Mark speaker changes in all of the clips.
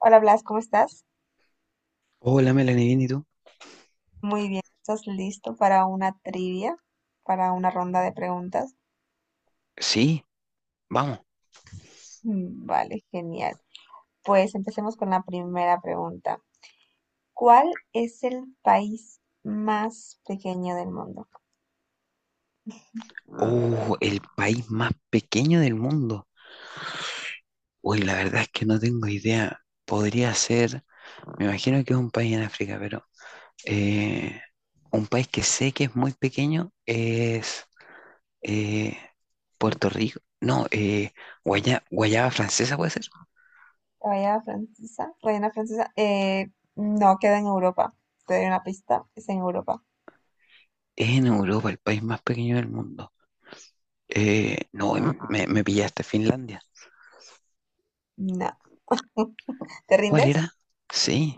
Speaker 1: Hola Blas, ¿cómo estás?
Speaker 2: Hola, Melanie, ¿bien y tú?
Speaker 1: Muy bien, ¿estás listo para una trivia, para una ronda de preguntas?
Speaker 2: Sí, vamos.
Speaker 1: Mm, vale, genial. Pues empecemos con la primera pregunta. ¿Cuál es el país más pequeño del mundo?
Speaker 2: Oh, el país más pequeño del mundo. Uy, la verdad es que no tengo idea. Podría ser, me imagino que es un país en África, pero eh, un país que sé que es muy pequeño es eh, Puerto Rico. No, Guayana Francesa puede ser.
Speaker 1: ¿Guayana Francesa? ¿Guayana Francesa? No, queda en Europa. Te doy una pista, es en Europa.
Speaker 2: Es en Europa, el país más pequeño del mundo. No, me pillaste Finlandia.
Speaker 1: No. ¿Te
Speaker 2: ¿Cuál
Speaker 1: rindes?
Speaker 2: era? Sí.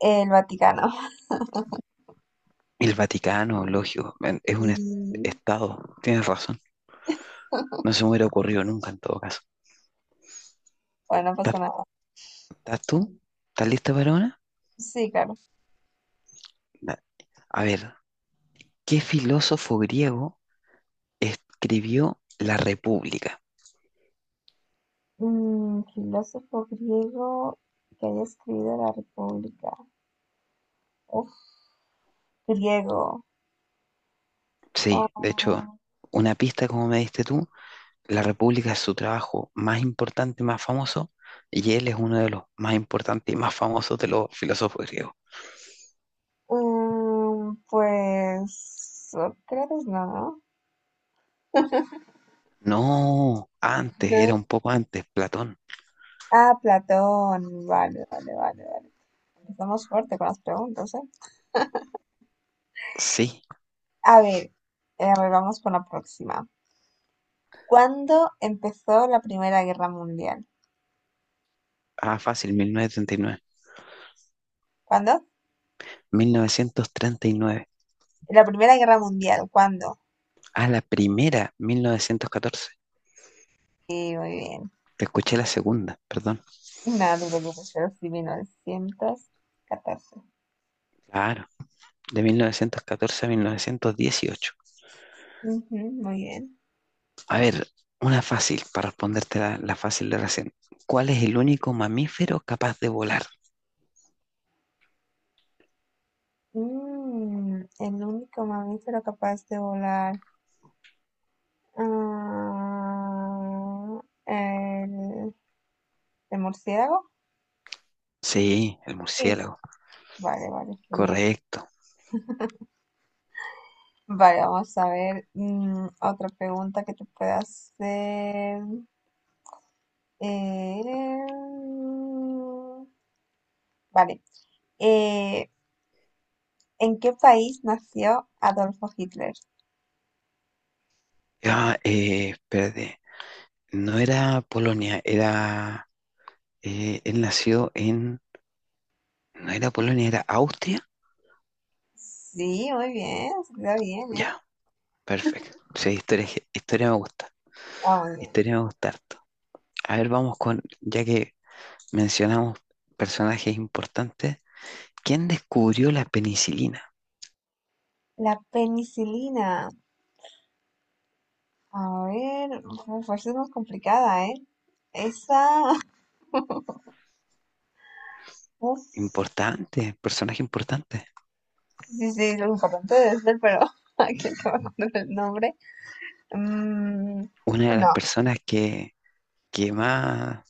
Speaker 1: El Vaticano.
Speaker 2: El Vaticano, lógico, es un
Speaker 1: Y,
Speaker 2: estado, tienes razón. No se me hubiera ocurrido nunca en todo caso.
Speaker 1: bueno, no pasa
Speaker 2: ¿Estás
Speaker 1: nada.
Speaker 2: ¿Estás tú? ¿Estás lista para una?
Speaker 1: Sí, claro.
Speaker 2: Da- A ver, ¿qué filósofo griego escribió La República?
Speaker 1: Filósofo griego que haya escrito la República. Uf, griego.
Speaker 2: Sí, de hecho,
Speaker 1: Ah,
Speaker 2: una pista como me diste tú, La República es su trabajo más importante, más famoso, y él es uno de los más importantes y más famosos de los filósofos griegos.
Speaker 1: pues Sócrates, no, ¿no?
Speaker 2: No, antes, era
Speaker 1: No.
Speaker 2: un poco antes, Platón.
Speaker 1: Ah, Platón. Vale, vale, vale, vale. Estamos fuerte con las preguntas, ¿eh?
Speaker 2: Sí,
Speaker 1: A ver, a ver, vamos con la próxima. ¿Cuándo empezó la Primera Guerra Mundial?
Speaker 2: ah, fácil, 1939.
Speaker 1: ¿Cuándo?
Speaker 2: 1939.
Speaker 1: La Primera Guerra Mundial, ¿cuándo?
Speaker 2: Ah, la primera, 1914.
Speaker 1: Sí, muy bien.
Speaker 2: Te escuché la segunda, perdón.
Speaker 1: No, no te preocupes, pero sí, 1914.
Speaker 2: Claro, de 1914 a 1918.
Speaker 1: Ujú, muy bien.
Speaker 2: A ver, una fácil, para responderte la fácil de recién. ¿Cuál es el único mamífero capaz de volar?
Speaker 1: El único mamífero capaz de volar. Ah, el, el murciélago.
Speaker 2: Sí, el
Speaker 1: Sí.
Speaker 2: murciélago.
Speaker 1: Vale, vale, genial.
Speaker 2: Correcto.
Speaker 1: Vale, vamos a ver otra pregunta que te pueda hacer. Eh, vale. Eh, ¿en qué país nació Adolfo Hitler?
Speaker 2: Ah, espérate. No era Polonia, era... él nació en... No era Polonia, era Austria.
Speaker 1: Sí, muy bien, se te da bien, ¿eh?
Speaker 2: Ya, perfecto. Sí, historia, historia me gusta.
Speaker 1: Ah, muy bien.
Speaker 2: Historia me gusta harto. A ver, vamos con, ya que mencionamos personajes importantes, ¿quién descubrió la penicilina?
Speaker 1: La penicilina. A ver, uf, esa es más complicada, ¿eh? Esa, uf,
Speaker 2: Importante, personaje importante.
Speaker 1: sí, sí, lo importante debe ser, pero aquí no me acuerdo el nombre. Mm,
Speaker 2: Una de las
Speaker 1: no.
Speaker 2: personas que más...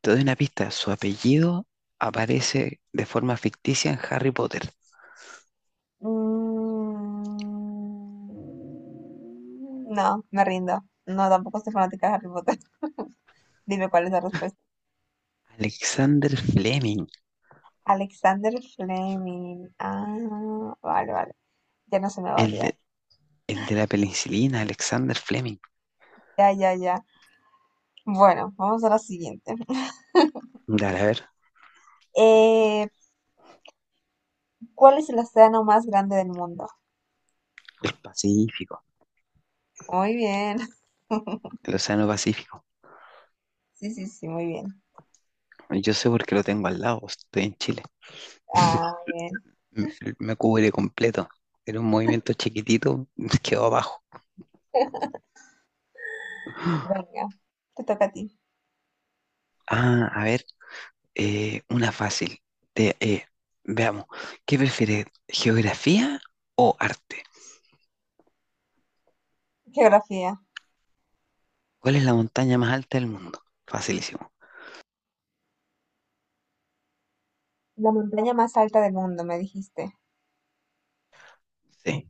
Speaker 2: Te doy una pista, su apellido aparece de forma ficticia en Harry Potter.
Speaker 1: Mm, no, me rindo. No, tampoco soy fanática de Harry Potter. Dime cuál es la respuesta.
Speaker 2: Alexander Fleming,
Speaker 1: Alexander Fleming. Ah, vale, vale. Ya no se me va a
Speaker 2: el
Speaker 1: olvidar.
Speaker 2: de, el de la penicilina, Alexander Fleming.
Speaker 1: Ya, ya, ya. Bueno, vamos a la siguiente.
Speaker 2: Dale, a ver,
Speaker 1: Eh, ¿cuál es el océano más grande del mundo?
Speaker 2: Pacífico,
Speaker 1: Muy bien.
Speaker 2: el Océano Pacífico.
Speaker 1: Sí, sí, sí, muy bien.
Speaker 2: Yo sé porque lo tengo al lado, estoy en Chile.
Speaker 1: Ah, bien.
Speaker 2: m- Me cubre completo. Era un movimiento chiquitito, quedó abajo.
Speaker 1: Venga, te toca a ti.
Speaker 2: Ah, a ver, una fácil. Te- eh, veamos, ¿qué prefieres, geografía o arte?
Speaker 1: Geografía.
Speaker 2: ¿Cuál es la montaña más alta del mundo? Facilísimo.
Speaker 1: La montaña más alta del mundo, me dijiste.
Speaker 2: Sí,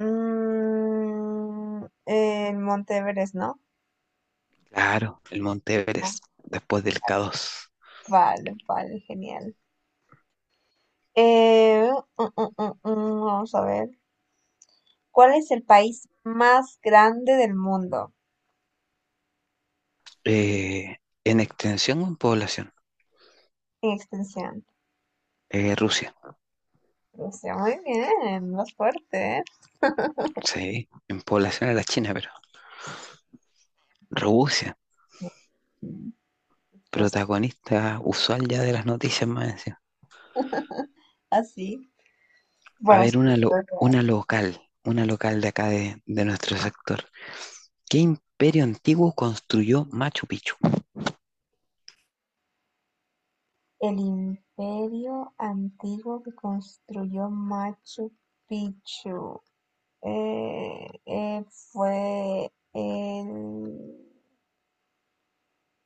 Speaker 1: El Monte Everest, ¿no?
Speaker 2: claro, el Monte
Speaker 1: Oh,
Speaker 2: Everest, después del K2.
Speaker 1: vale, vale, genial. Eh, vamos a ver. ¿Cuál es el país más grande del mundo
Speaker 2: Eh, ¿En extensión o en población?
Speaker 1: en extensión?
Speaker 2: Rusia,
Speaker 1: Rusia, muy bien, más fuerte, ¿eh?
Speaker 2: sí, en población era China, pero Rusia,
Speaker 1: Mm, Rusia,
Speaker 2: protagonista usual ya de las noticias más.
Speaker 1: así.
Speaker 2: A
Speaker 1: Bueno, sí.
Speaker 2: ver, una, una local de acá de nuestro sector. ¿Qué imperio antiguo construyó Machu Picchu?
Speaker 1: El imperio antiguo que construyó Machu Picchu fue el,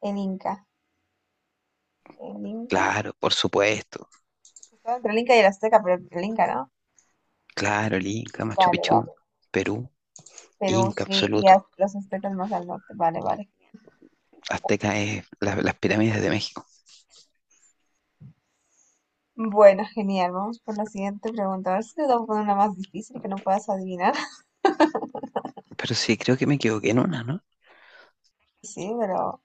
Speaker 1: el Inca. El Inca
Speaker 2: Claro, por supuesto.
Speaker 1: estaba entre el Inca y el Azteca, pero el Inca, ¿no?
Speaker 2: Claro, el Inca, Machu
Speaker 1: Vale,
Speaker 2: Picchu,
Speaker 1: vale.
Speaker 2: Perú,
Speaker 1: Perú,
Speaker 2: Inca
Speaker 1: sí, y
Speaker 2: absoluto.
Speaker 1: los aztecas más al norte. Vale, vale.
Speaker 2: Azteca es las pirámides de México.
Speaker 1: Bueno, genial. Vamos por la siguiente pregunta. A ver si te puedo poner una más difícil que no puedas adivinar.
Speaker 2: Pero sí, creo que me equivoqué en una, ¿no?
Speaker 1: Sí, pero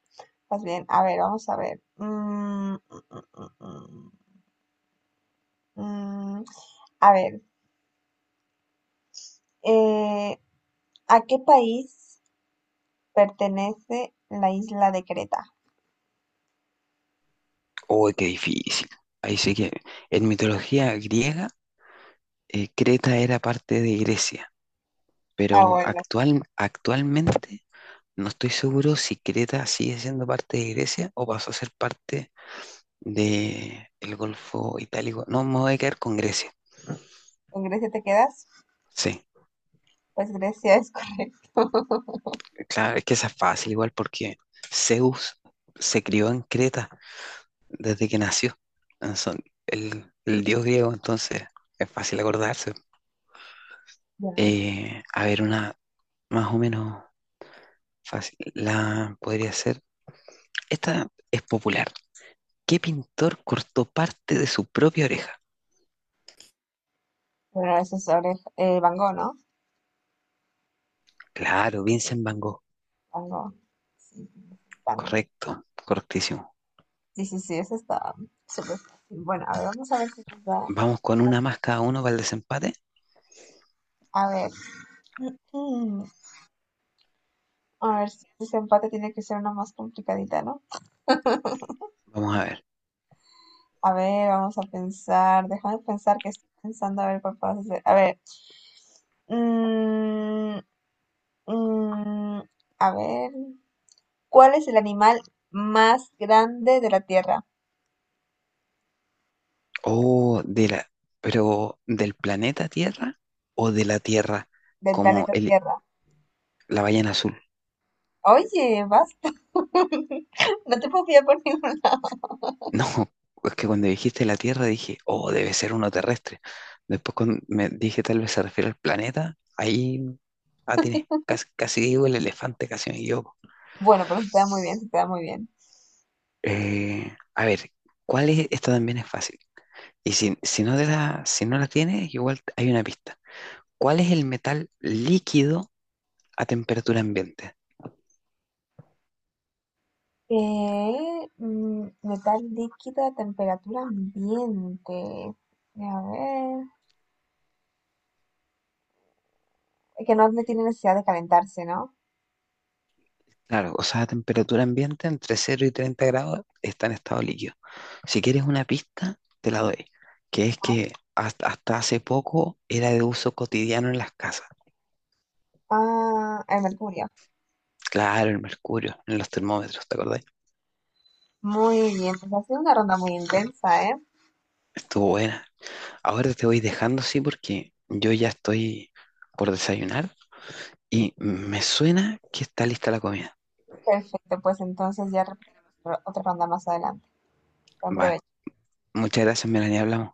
Speaker 1: pues bien. A ver, vamos a ver. Mm, mm, mm. Mm, a ver, Eh, ¿a qué país pertenece la isla de Creta?
Speaker 2: Uy, qué difícil. Ahí sí que en mitología griega, Creta era parte de Grecia,
Speaker 1: Ah,
Speaker 2: pero
Speaker 1: bueno,
Speaker 2: actualmente no estoy seguro si Creta sigue siendo parte de Grecia o pasó a ser parte de el Golfo Itálico. No, me voy a quedar con Grecia.
Speaker 1: ¿con Grecia te quedas?
Speaker 2: Sí,
Speaker 1: Pues Grecia es correcto.
Speaker 2: claro, es que esa es fácil igual porque Zeus se crió en Creta desde que nació. Ah, el dios griego, entonces es fácil acordarse.
Speaker 1: Ya.
Speaker 2: A ver, una más o menos fácil. La podría ser. Esta es popular. ¿Qué pintor cortó parte de su propia oreja?
Speaker 1: Bueno, eso es sobre Van Gogh, ¿no?
Speaker 2: Claro, Vincent Van Gogh.
Speaker 1: Van Gogh. Sí, Van Gogh.
Speaker 2: Correcto, correctísimo.
Speaker 1: Sí, sí, sí, eso está súper fácil. Bueno, a ver, vamos a ver si nos da.
Speaker 2: Vamos con una más cada uno para el desempate.
Speaker 1: A ver. mm, a ver, si ese empate tiene que ser una más complicadita, ¿no?
Speaker 2: Vamos a ver.
Speaker 1: A ver, vamos a pensar. Déjame pensar que estoy pensando a ver cuál puedo hacer. A ver. mm, Mm, a ver, ¿cuál es el animal más grande de la Tierra,
Speaker 2: O de la, pero ¿del planeta Tierra o de la Tierra
Speaker 1: del
Speaker 2: como
Speaker 1: planeta Tierra?
Speaker 2: la ballena azul?
Speaker 1: Oye, basta. No te puedo pillar por ningún lado.
Speaker 2: No, es que cuando dijiste la Tierra dije, oh, debe ser uno terrestre. Después cuando me dije tal vez se refiere al planeta, ahí atiné. Casi, casi digo el elefante, casi me equivoco.
Speaker 1: Bueno, pero se te da muy bien, se te da muy bien.
Speaker 2: A ver, ¿cuál es? Esta también es fácil. Y si no te la, si no la tienes, igual hay una pista. ¿Cuál es el metal líquido a temperatura ambiente?
Speaker 1: Metal líquido a temperatura ambiente. A ver, es que no tiene necesidad de calentarse, ¿no?
Speaker 2: Claro, o sea, a temperatura ambiente entre cero y 30 grados está en estado líquido. Si quieres una pista, te la doy, que es que hasta hace poco era de uso cotidiano en las casas.
Speaker 1: Ah, el mercurio.
Speaker 2: Claro, el mercurio, en los termómetros, ¿te acordáis?
Speaker 1: Muy bien, pues ha sido una ronda muy intensa, ¿eh?
Speaker 2: Estuvo buena. Ahora te voy dejando así porque yo ya estoy por desayunar y me suena que está lista la comida.
Speaker 1: Perfecto, pues entonces ya repetiremos otra ronda más adelante.
Speaker 2: Vale,
Speaker 1: Gran
Speaker 2: muchas gracias, Melanie, hablamos.